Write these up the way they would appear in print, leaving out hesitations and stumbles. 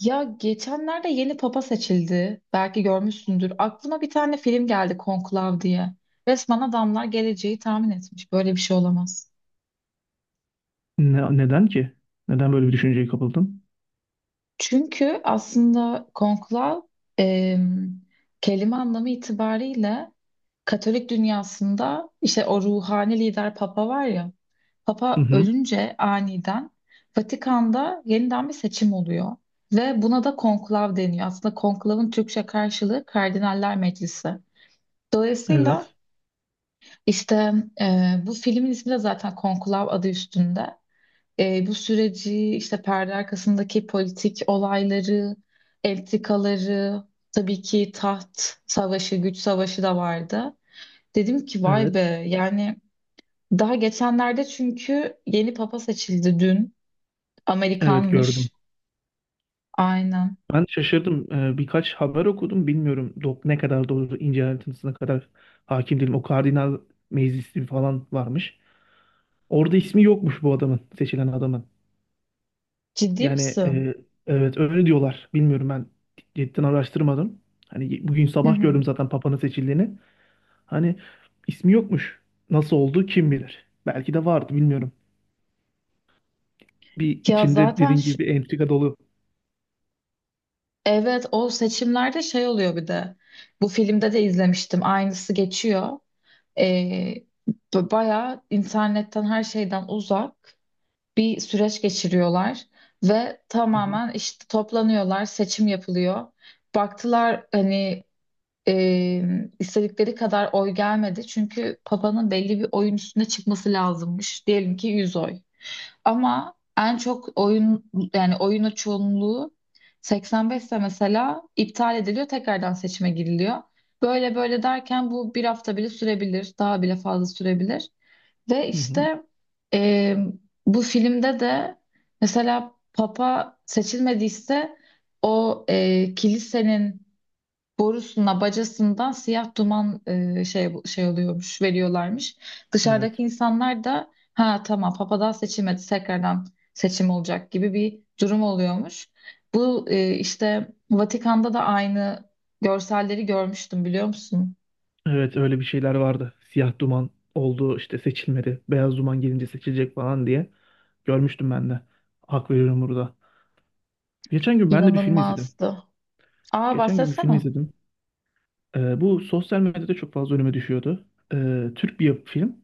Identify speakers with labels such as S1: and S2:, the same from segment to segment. S1: Ya geçenlerde yeni papa seçildi. Belki görmüşsündür. Aklıma bir tane film geldi Konklav diye. Resmen adamlar geleceği tahmin etmiş. Böyle bir şey olamaz.
S2: Neden ki? Neden böyle bir düşünceye kapıldın?
S1: Çünkü aslında Konklav em, kelime anlamı itibariyle Katolik dünyasında işte o ruhani lider papa var ya.
S2: Hı
S1: Papa
S2: hı.
S1: ölünce aniden Vatikan'da yeniden bir seçim oluyor. Ve buna da konklav deniyor. Aslında konklavın Türkçe karşılığı Kardinaller Meclisi. Dolayısıyla
S2: Evet.
S1: işte bu filmin ismi de zaten Konklav, adı üstünde. Bu süreci, işte perde arkasındaki politik olayları, entrikaları, tabii ki taht savaşı, güç savaşı da vardı. Dedim ki vay be,
S2: Evet.
S1: yani daha geçenlerde çünkü yeni papa seçildi dün.
S2: Evet, gördüm.
S1: Amerikanmış. Aynen.
S2: Ben şaşırdım. Birkaç haber okudum. Bilmiyorum ne kadar doğru, ince ayrıntısına kadar hakim değilim. O kardinal meclisi falan varmış. Orada ismi yokmuş bu adamın, seçilen adamın.
S1: Ciddi
S2: Yani
S1: misin?
S2: evet, öyle diyorlar. Bilmiyorum, ben cidden araştırmadım. Hani bugün
S1: Hı
S2: sabah
S1: hı.
S2: gördüm zaten Papa'nın seçildiğini. Hani ismi yokmuş. Nasıl oldu kim bilir. Belki de vardı, bilmiyorum. Bir,
S1: Ya
S2: içinde
S1: zaten
S2: dediğin
S1: şu
S2: gibi, bir entrika dolu.
S1: Evet, o seçimlerde şey oluyor bir de. Bu filmde de izlemiştim. Aynısı geçiyor. Ee, Bayağı internetten, her şeyden uzak bir süreç geçiriyorlar. Ve
S2: Hı hı,
S1: tamamen işte toplanıyorlar, seçim yapılıyor. Baktılar hani e, istedikleri kadar oy gelmedi. Çünkü Papa'nın belli bir oyun üstüne çıkması lazımmış. Diyelim ki 100 oy. Ama en çok oyun, yani oyunu çoğunluğu 85'te mesela, iptal ediliyor, tekrardan seçime giriliyor. Böyle böyle derken bu bir hafta bile sürebilir, daha bile fazla sürebilir. Ve
S2: hı hı.
S1: işte e, bu filmde de mesela Papa seçilmediyse, o kilisenin borusuna, bacasından siyah duman şey oluyormuş, veriyorlarmış. Dışarıdaki
S2: Evet.
S1: insanlar da ha tamam, papadan seçilmedi, tekrardan seçim olacak gibi bir durum oluyormuş. Bu işte Vatikan'da da aynı görselleri görmüştüm, biliyor musun?
S2: Evet, öyle bir şeyler vardı. Siyah duman oldu işte, seçilmedi. Beyaz duman gelince seçilecek falan diye. Görmüştüm ben de. Hak veriyorum burada. Geçen gün ben de bir film izledim.
S1: İnanılmazdı. Aa,
S2: Geçen gün bir film
S1: bahsetsene.
S2: izledim. Bu sosyal medyada çok fazla önüme düşüyordu. Türk bir film.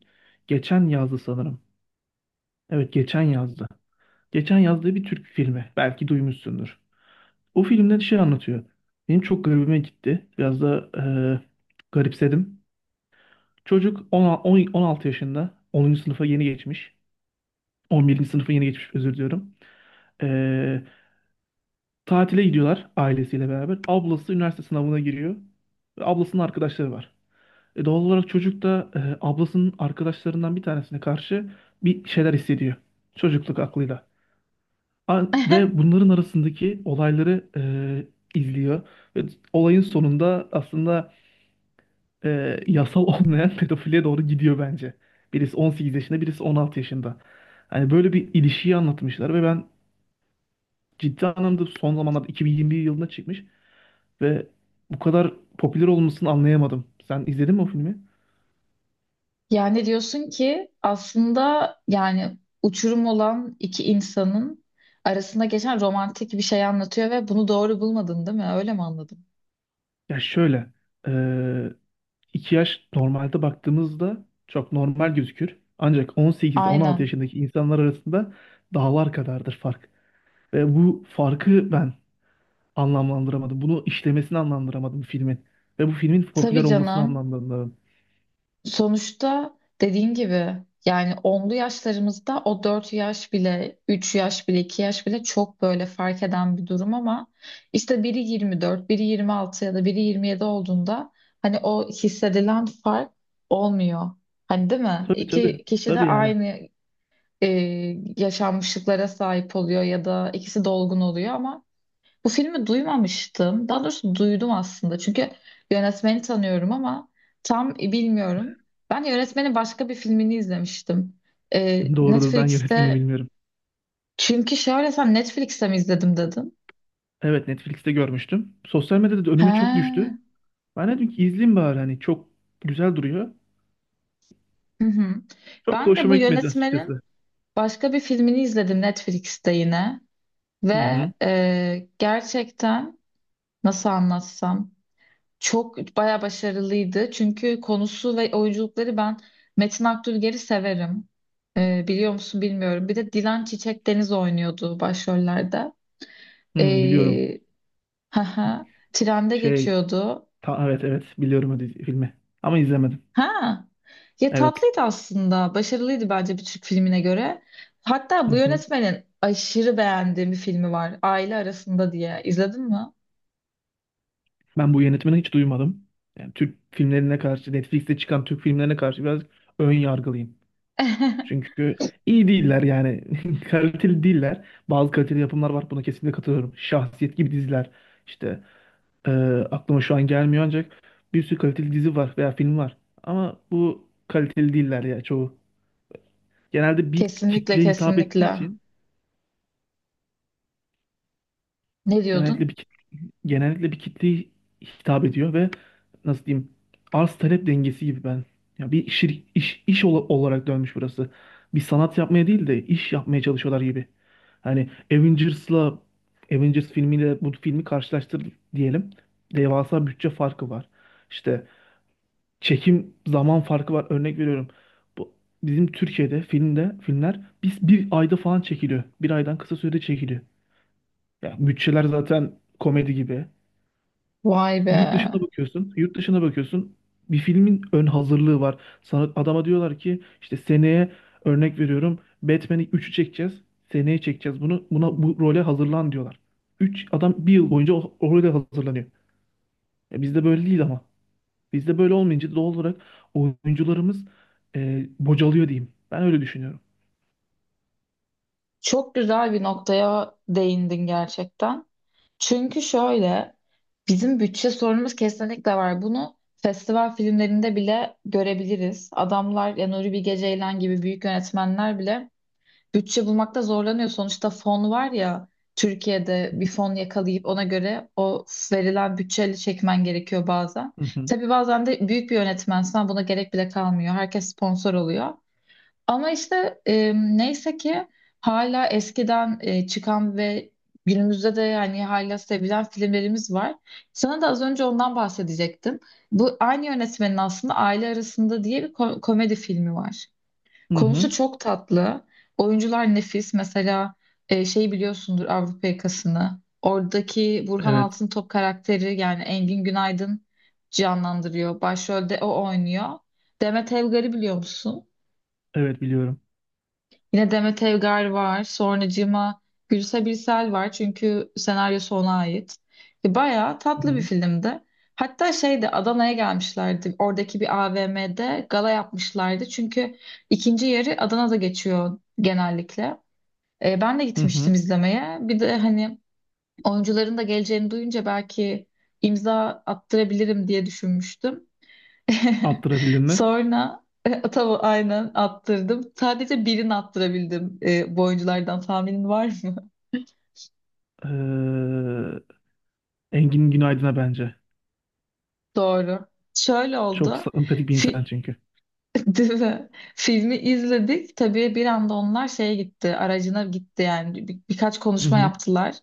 S2: Geçen yazdı sanırım. Evet, geçen yazdı. Geçen yazdığı bir Türk filmi. Belki duymuşsundur. O filmde şey anlatıyor. Benim çok garibime gitti. Biraz da garipsedim. Çocuk 10 10 16 yaşında. 10. sınıfa yeni geçmiş. 11. sınıfa yeni geçmiş, özür diliyorum. Ee, Tatile gidiyorlar ailesiyle beraber. Ablası üniversite sınavına giriyor. Ve ablasının arkadaşları var. Doğal olarak çocuk da ablasının arkadaşlarından bir tanesine karşı bir şeyler hissediyor. Çocukluk aklıyla. Ve bunların arasındaki olayları izliyor. Ve olayın sonunda aslında yasal olmayan pedofiliye doğru gidiyor bence. Birisi 18 yaşında, birisi 16 yaşında. Hani böyle bir ilişkiyi anlatmışlar ve ben ciddi anlamda, son zamanlarda 2021 yılında çıkmış ve bu kadar popüler olmasını anlayamadım. Sen izledin mi o filmi?
S1: Yani diyorsun ki aslında, yani uçurum olan iki insanın arasında geçen romantik bir şey anlatıyor ve bunu doğru bulmadın, değil mi? Öyle mi anladım?
S2: Ya şöyle, e, 2 yaş normalde baktığımızda çok normal gözükür. Ancak 18-16
S1: Aynen.
S2: yaşındaki insanlar arasında dağlar kadardır fark. Ve bu farkı ben anlamlandıramadım. Bunu işlemesini anlamlandıramadım filmin. Ve bu filmin popüler
S1: Tabii
S2: olmasını
S1: canım.
S2: anlamlandıramadım.
S1: Sonuçta dediğin gibi, yani onlu yaşlarımızda o 4 yaş bile, 3 yaş bile, 2 yaş bile çok böyle fark eden bir durum, ama işte biri 24, biri 26 ya da biri 27 olduğunda hani o hissedilen fark olmuyor. Hani, değil mi?
S2: Tabii, tabii.
S1: İki kişi de
S2: Tabii yani.
S1: aynı e, yaşanmışlıklara sahip oluyor ya da ikisi dolgun oluyor. Ama bu filmi duymamıştım. Daha doğrusu duydum aslında, çünkü yönetmeni tanıyorum ama tam bilmiyorum. Ben yönetmenin başka bir filmini izlemiştim.
S2: Doğrudur, ben yönetmeni
S1: Netflix'te.
S2: bilmiyorum.
S1: Çünkü şöyle, sen Netflix'te mi izledim dedin?
S2: Evet, Netflix'te görmüştüm. Sosyal medyada da önüme çok
S1: He.
S2: düştü. Ben dedim ki izleyeyim bari, hani çok güzel duruyor.
S1: Hı hı.
S2: Çok da
S1: Ben de bu
S2: hoşuma gitmedi
S1: yönetmenin
S2: açıkçası.
S1: başka bir filmini izledim Netflix'te yine. Ve
S2: Hı hı.
S1: gerçekten, nasıl anlatsam? Çok bayağı başarılıydı. Çünkü konusu ve oyunculukları, ben Metin Akdülger'i severim. Biliyor musun bilmiyorum. Bir de Dilan Çiçek Deniz oynuyordu başrollerde.
S2: Hı, biliyorum.
S1: Ee, trende
S2: Şey
S1: geçiyordu.
S2: Evet, evet, biliyorum o filmi. Ama izlemedim.
S1: Ha, ya
S2: Evet.
S1: tatlıydı aslında. Başarılıydı bence bir Türk filmine göre. Hatta
S2: Hı
S1: bu
S2: hı.
S1: yönetmenin aşırı beğendiğim bir filmi var, Aile Arasında diye. İzledin mi?
S2: Ben bu yönetmeni hiç duymadım. Yani Türk filmlerine karşı, Netflix'te çıkan Türk filmlerine karşı biraz ön yargılıyım. Çünkü iyi değiller yani. Kaliteli değiller. Bazı kaliteli yapımlar var. Buna kesinlikle katılıyorum. Şahsiyet gibi diziler. İşte e, aklıma şu an gelmiyor, ancak bir sürü kaliteli dizi var veya film var. Ama bu kaliteli değiller ya çoğu. Genelde bir
S1: Kesinlikle,
S2: kitleye hitap ettiği
S1: kesinlikle.
S2: için
S1: Ne
S2: genellikle
S1: diyordun?
S2: bir kit- genellikle bir kitleye hitap ediyor ve, nasıl diyeyim, arz talep dengesi gibi, ben ya bir iş olarak dönmüş burası. Bir sanat yapmaya değil de iş yapmaya çalışıyorlar gibi. Hani Avengers filmiyle bu filmi karşılaştır diyelim. Devasa bütçe farkı var. İşte çekim zaman farkı var. Örnek veriyorum. Bu bizim Türkiye'de filmler biz bir ayda falan çekiliyor. Bir aydan kısa sürede çekiliyor. Ya bütçeler zaten komedi gibi.
S1: Vay be.
S2: Yurt dışına bakıyorsun, yurt dışına bakıyorsun. Bir filmin ön hazırlığı var. Sana adama diyorlar ki işte seneye, örnek veriyorum, Batman'i 3'ü çekeceğiz. Seneye çekeceğiz bunu. Buna, bu role hazırlan, diyorlar. 3 adam bir yıl boyunca o role hazırlanıyor. Bizde böyle değil ama. Bizde böyle olmayınca doğal olarak oyuncularımız bocalıyor, diyeyim. Ben öyle düşünüyorum.
S1: Çok güzel bir noktaya değindin gerçekten. Çünkü şöyle, bizim bütçe sorunumuz kesinlikle var. Bunu festival filmlerinde bile görebiliriz. Adamlar, ya Nuri Bilge Ceylan gibi büyük yönetmenler bile bütçe bulmakta zorlanıyor. Sonuçta fon var ya, Türkiye'de bir fon yakalayıp ona göre, o verilen bütçeyle çekmen gerekiyor bazen.
S2: Hı hı.
S1: Tabii bazen de büyük bir yönetmensen buna gerek bile kalmıyor. Herkes sponsor oluyor. Ama işte neyse ki hala eskiden çıkan ve günümüzde de, yani hala sevilen filmlerimiz var. Sana da az önce ondan bahsedecektim. Bu aynı yönetmenin aslında Aile Arasında diye bir komedi filmi var.
S2: Hı hı.
S1: Konusu çok tatlı. Oyuncular nefis. Mesela biliyorsundur Avrupa Yakası'nı. Oradaki Burhan
S2: Evet.
S1: Altıntop karakteri, yani Engin Günaydın canlandırıyor. Başrolde o oynuyor. Demet Evgar'ı biliyor musun?
S2: Evet, biliyorum.
S1: Yine Demet Evgar var. Sonracığıma Gülse Birsel var, çünkü senaryosu ona ait. Bayağı
S2: Hı
S1: tatlı bir
S2: hı.
S1: filmdi. Hatta şeyde, Adana'ya gelmişlerdi. Oradaki bir AVM'de gala yapmışlardı, çünkü ikinci yarı Adana'da geçiyor genellikle. Ben de
S2: Hı hı.
S1: gitmiştim izlemeye. Bir de hani oyuncuların da geleceğini duyunca, belki imza attırabilirim diye düşünmüştüm.
S2: Attırabildin mi?
S1: Sonra e, tavu aynen attırdım. Sadece birini attırabildim bu oyunculardan. Tahminin var mı?
S2: Ee, Engin Günaydın'a bence.
S1: Doğru. Şöyle
S2: Çok
S1: oldu.
S2: sempatik bir insan
S1: Fi-
S2: çünkü.
S1: Değil mi? Filmi izledik. Tabii bir anda onlar şeye gitti, aracına gitti, yani birkaç
S2: Hı
S1: konuşma
S2: hı.
S1: yaptılar.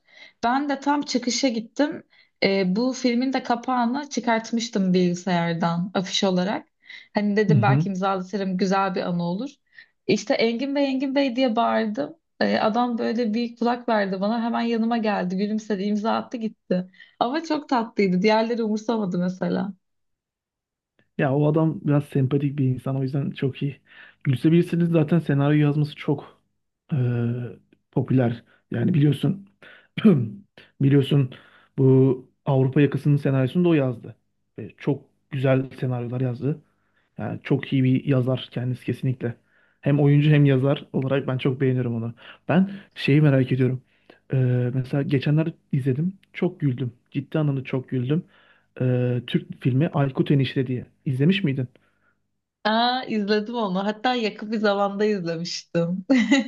S1: Ben de tam çıkışa gittim. Bu filmin de kapağını çıkartmıştım bilgisayardan, afiş olarak. Hani
S2: Hı
S1: dedim
S2: hı.
S1: belki imzalatırım, güzel bir anı olur. İşte Engin Bey, Engin Bey diye bağırdım. Adam böyle bir kulak verdi bana, hemen yanıma geldi, gülümsedi, imza attı, gitti. Ama çok tatlıydı. Diğerleri umursamadı mesela.
S2: Ya o adam biraz sempatik bir insan, o yüzden çok iyi. Gülsebilirsiniz, zaten senaryo yazması çok eee, popüler. Yani biliyorsun biliyorsun bu Avrupa Yakası'nın senaryosunu da o yazdı. Ve çok güzel senaryolar yazdı. Yani çok iyi bir yazar kendisi, kesinlikle. Hem oyuncu hem yazar olarak ben çok beğeniyorum onu. Ben şeyi merak ediyorum. Ee, Mesela geçenler izledim. Çok güldüm. Ciddi anlamda çok güldüm. Türk filmi Aykut Enişte diye. İzlemiş miydin?
S1: Aa, izledim onu. Hatta yakın bir zamanda izlemiştim.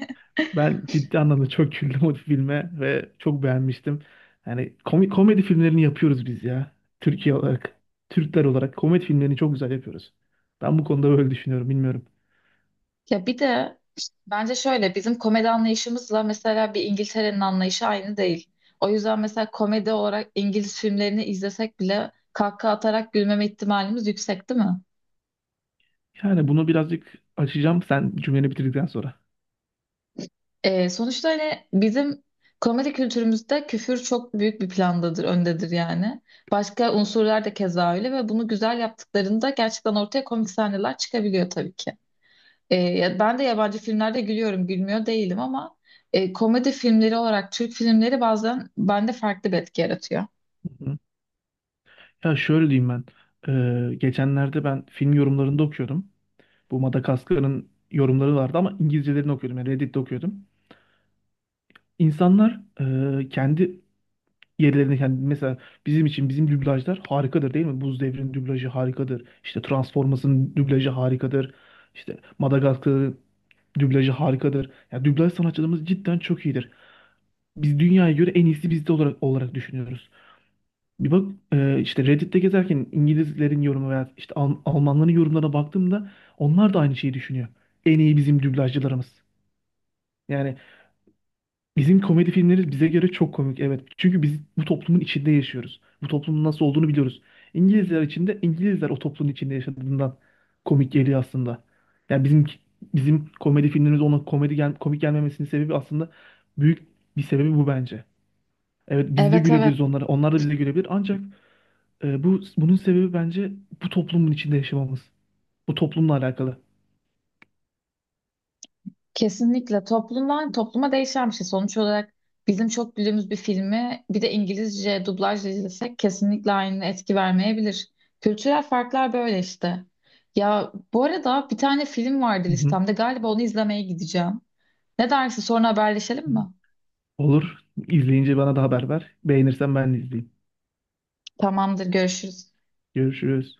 S2: Ben ciddi anlamda çok güldüm o filme ve çok beğenmiştim. Yani komedi filmlerini yapıyoruz biz ya. Türkiye olarak, Türkler olarak komedi filmlerini çok güzel yapıyoruz. Ben bu konuda böyle düşünüyorum, bilmiyorum.
S1: Ya bir de bence şöyle, bizim komedi anlayışımızla mesela bir İngiltere'nin anlayışı aynı değil. O yüzden mesela komedi olarak İngiliz filmlerini izlesek bile kahkaha atarak gülmeme ihtimalimiz yüksek, değil mi?
S2: Yani bunu birazcık açacağım sen cümleni bitirdikten sonra.
S1: Sonuçta hani bizim komedi kültürümüzde küfür çok büyük bir plandadır, öndedir yani. Başka unsurlar da keza öyle ve bunu güzel yaptıklarında gerçekten ortaya komik sahneler çıkabiliyor tabii ki. Ben de yabancı filmlerde gülüyorum, gülmüyor değilim, ama komedi filmleri olarak Türk filmleri bazen bende farklı bir etki yaratıyor.
S2: Hı hı. Ya şöyle diyeyim ben. Geçenlerde ben film yorumlarında okuyordum. Bu Madagaskar'ın yorumları vardı ama İngilizcelerini okuyordum. Yani Reddit'te okuyordum. İnsanlar kendi yerlerinde kendi, mesela bizim için bizim dublajlar harikadır, değil mi? Buz Devri'nin dublajı harikadır. İşte Transformers'ın dublajı harikadır. İşte Madagaskar'ın dublajı harikadır. Yani dublaj sanatçılarımız cidden çok iyidir. Biz dünyaya göre en iyisi bizde olarak düşünüyoruz. Bir bak işte Reddit'te gezerken İngilizlerin yorumu veya işte Almanların yorumlarına baktığımda onlar da aynı şeyi düşünüyor. En iyi bizim dublajcılarımız. Yani bizim komedi filmleri bize göre çok komik, evet. Çünkü biz bu toplumun içinde yaşıyoruz. Bu toplumun nasıl olduğunu biliyoruz. İngilizler için de İngilizler o toplumun içinde yaşadığından komik geliyor aslında. Yani bizim komedi filmlerimiz ona komedi gel komik gelmemesinin sebebi, aslında büyük bir sebebi bu bence. Evet, biz de
S1: Evet, evet.
S2: gülebiliriz onlara. Onlar da bize gülebilir. Ancak bunun sebebi bence bu toplumun içinde yaşamamız. Bu toplumla alakalı.
S1: Kesinlikle toplumdan topluma değişen bir şey. Sonuç olarak bizim çok güldüğümüz bir filmi bir de İngilizce dublajla izlesek, kesinlikle aynı etki vermeyebilir. Kültürel farklar böyle işte. Ya bu arada bir tane film vardı
S2: Hı hı.
S1: listemde. Galiba onu izlemeye gideceğim. Ne dersin, sonra haberleşelim mi?
S2: Olur. İzleyince bana da haber ver. Beğenirsen ben de izleyeyim.
S1: Tamamdır, görüşürüz.
S2: Görüşürüz.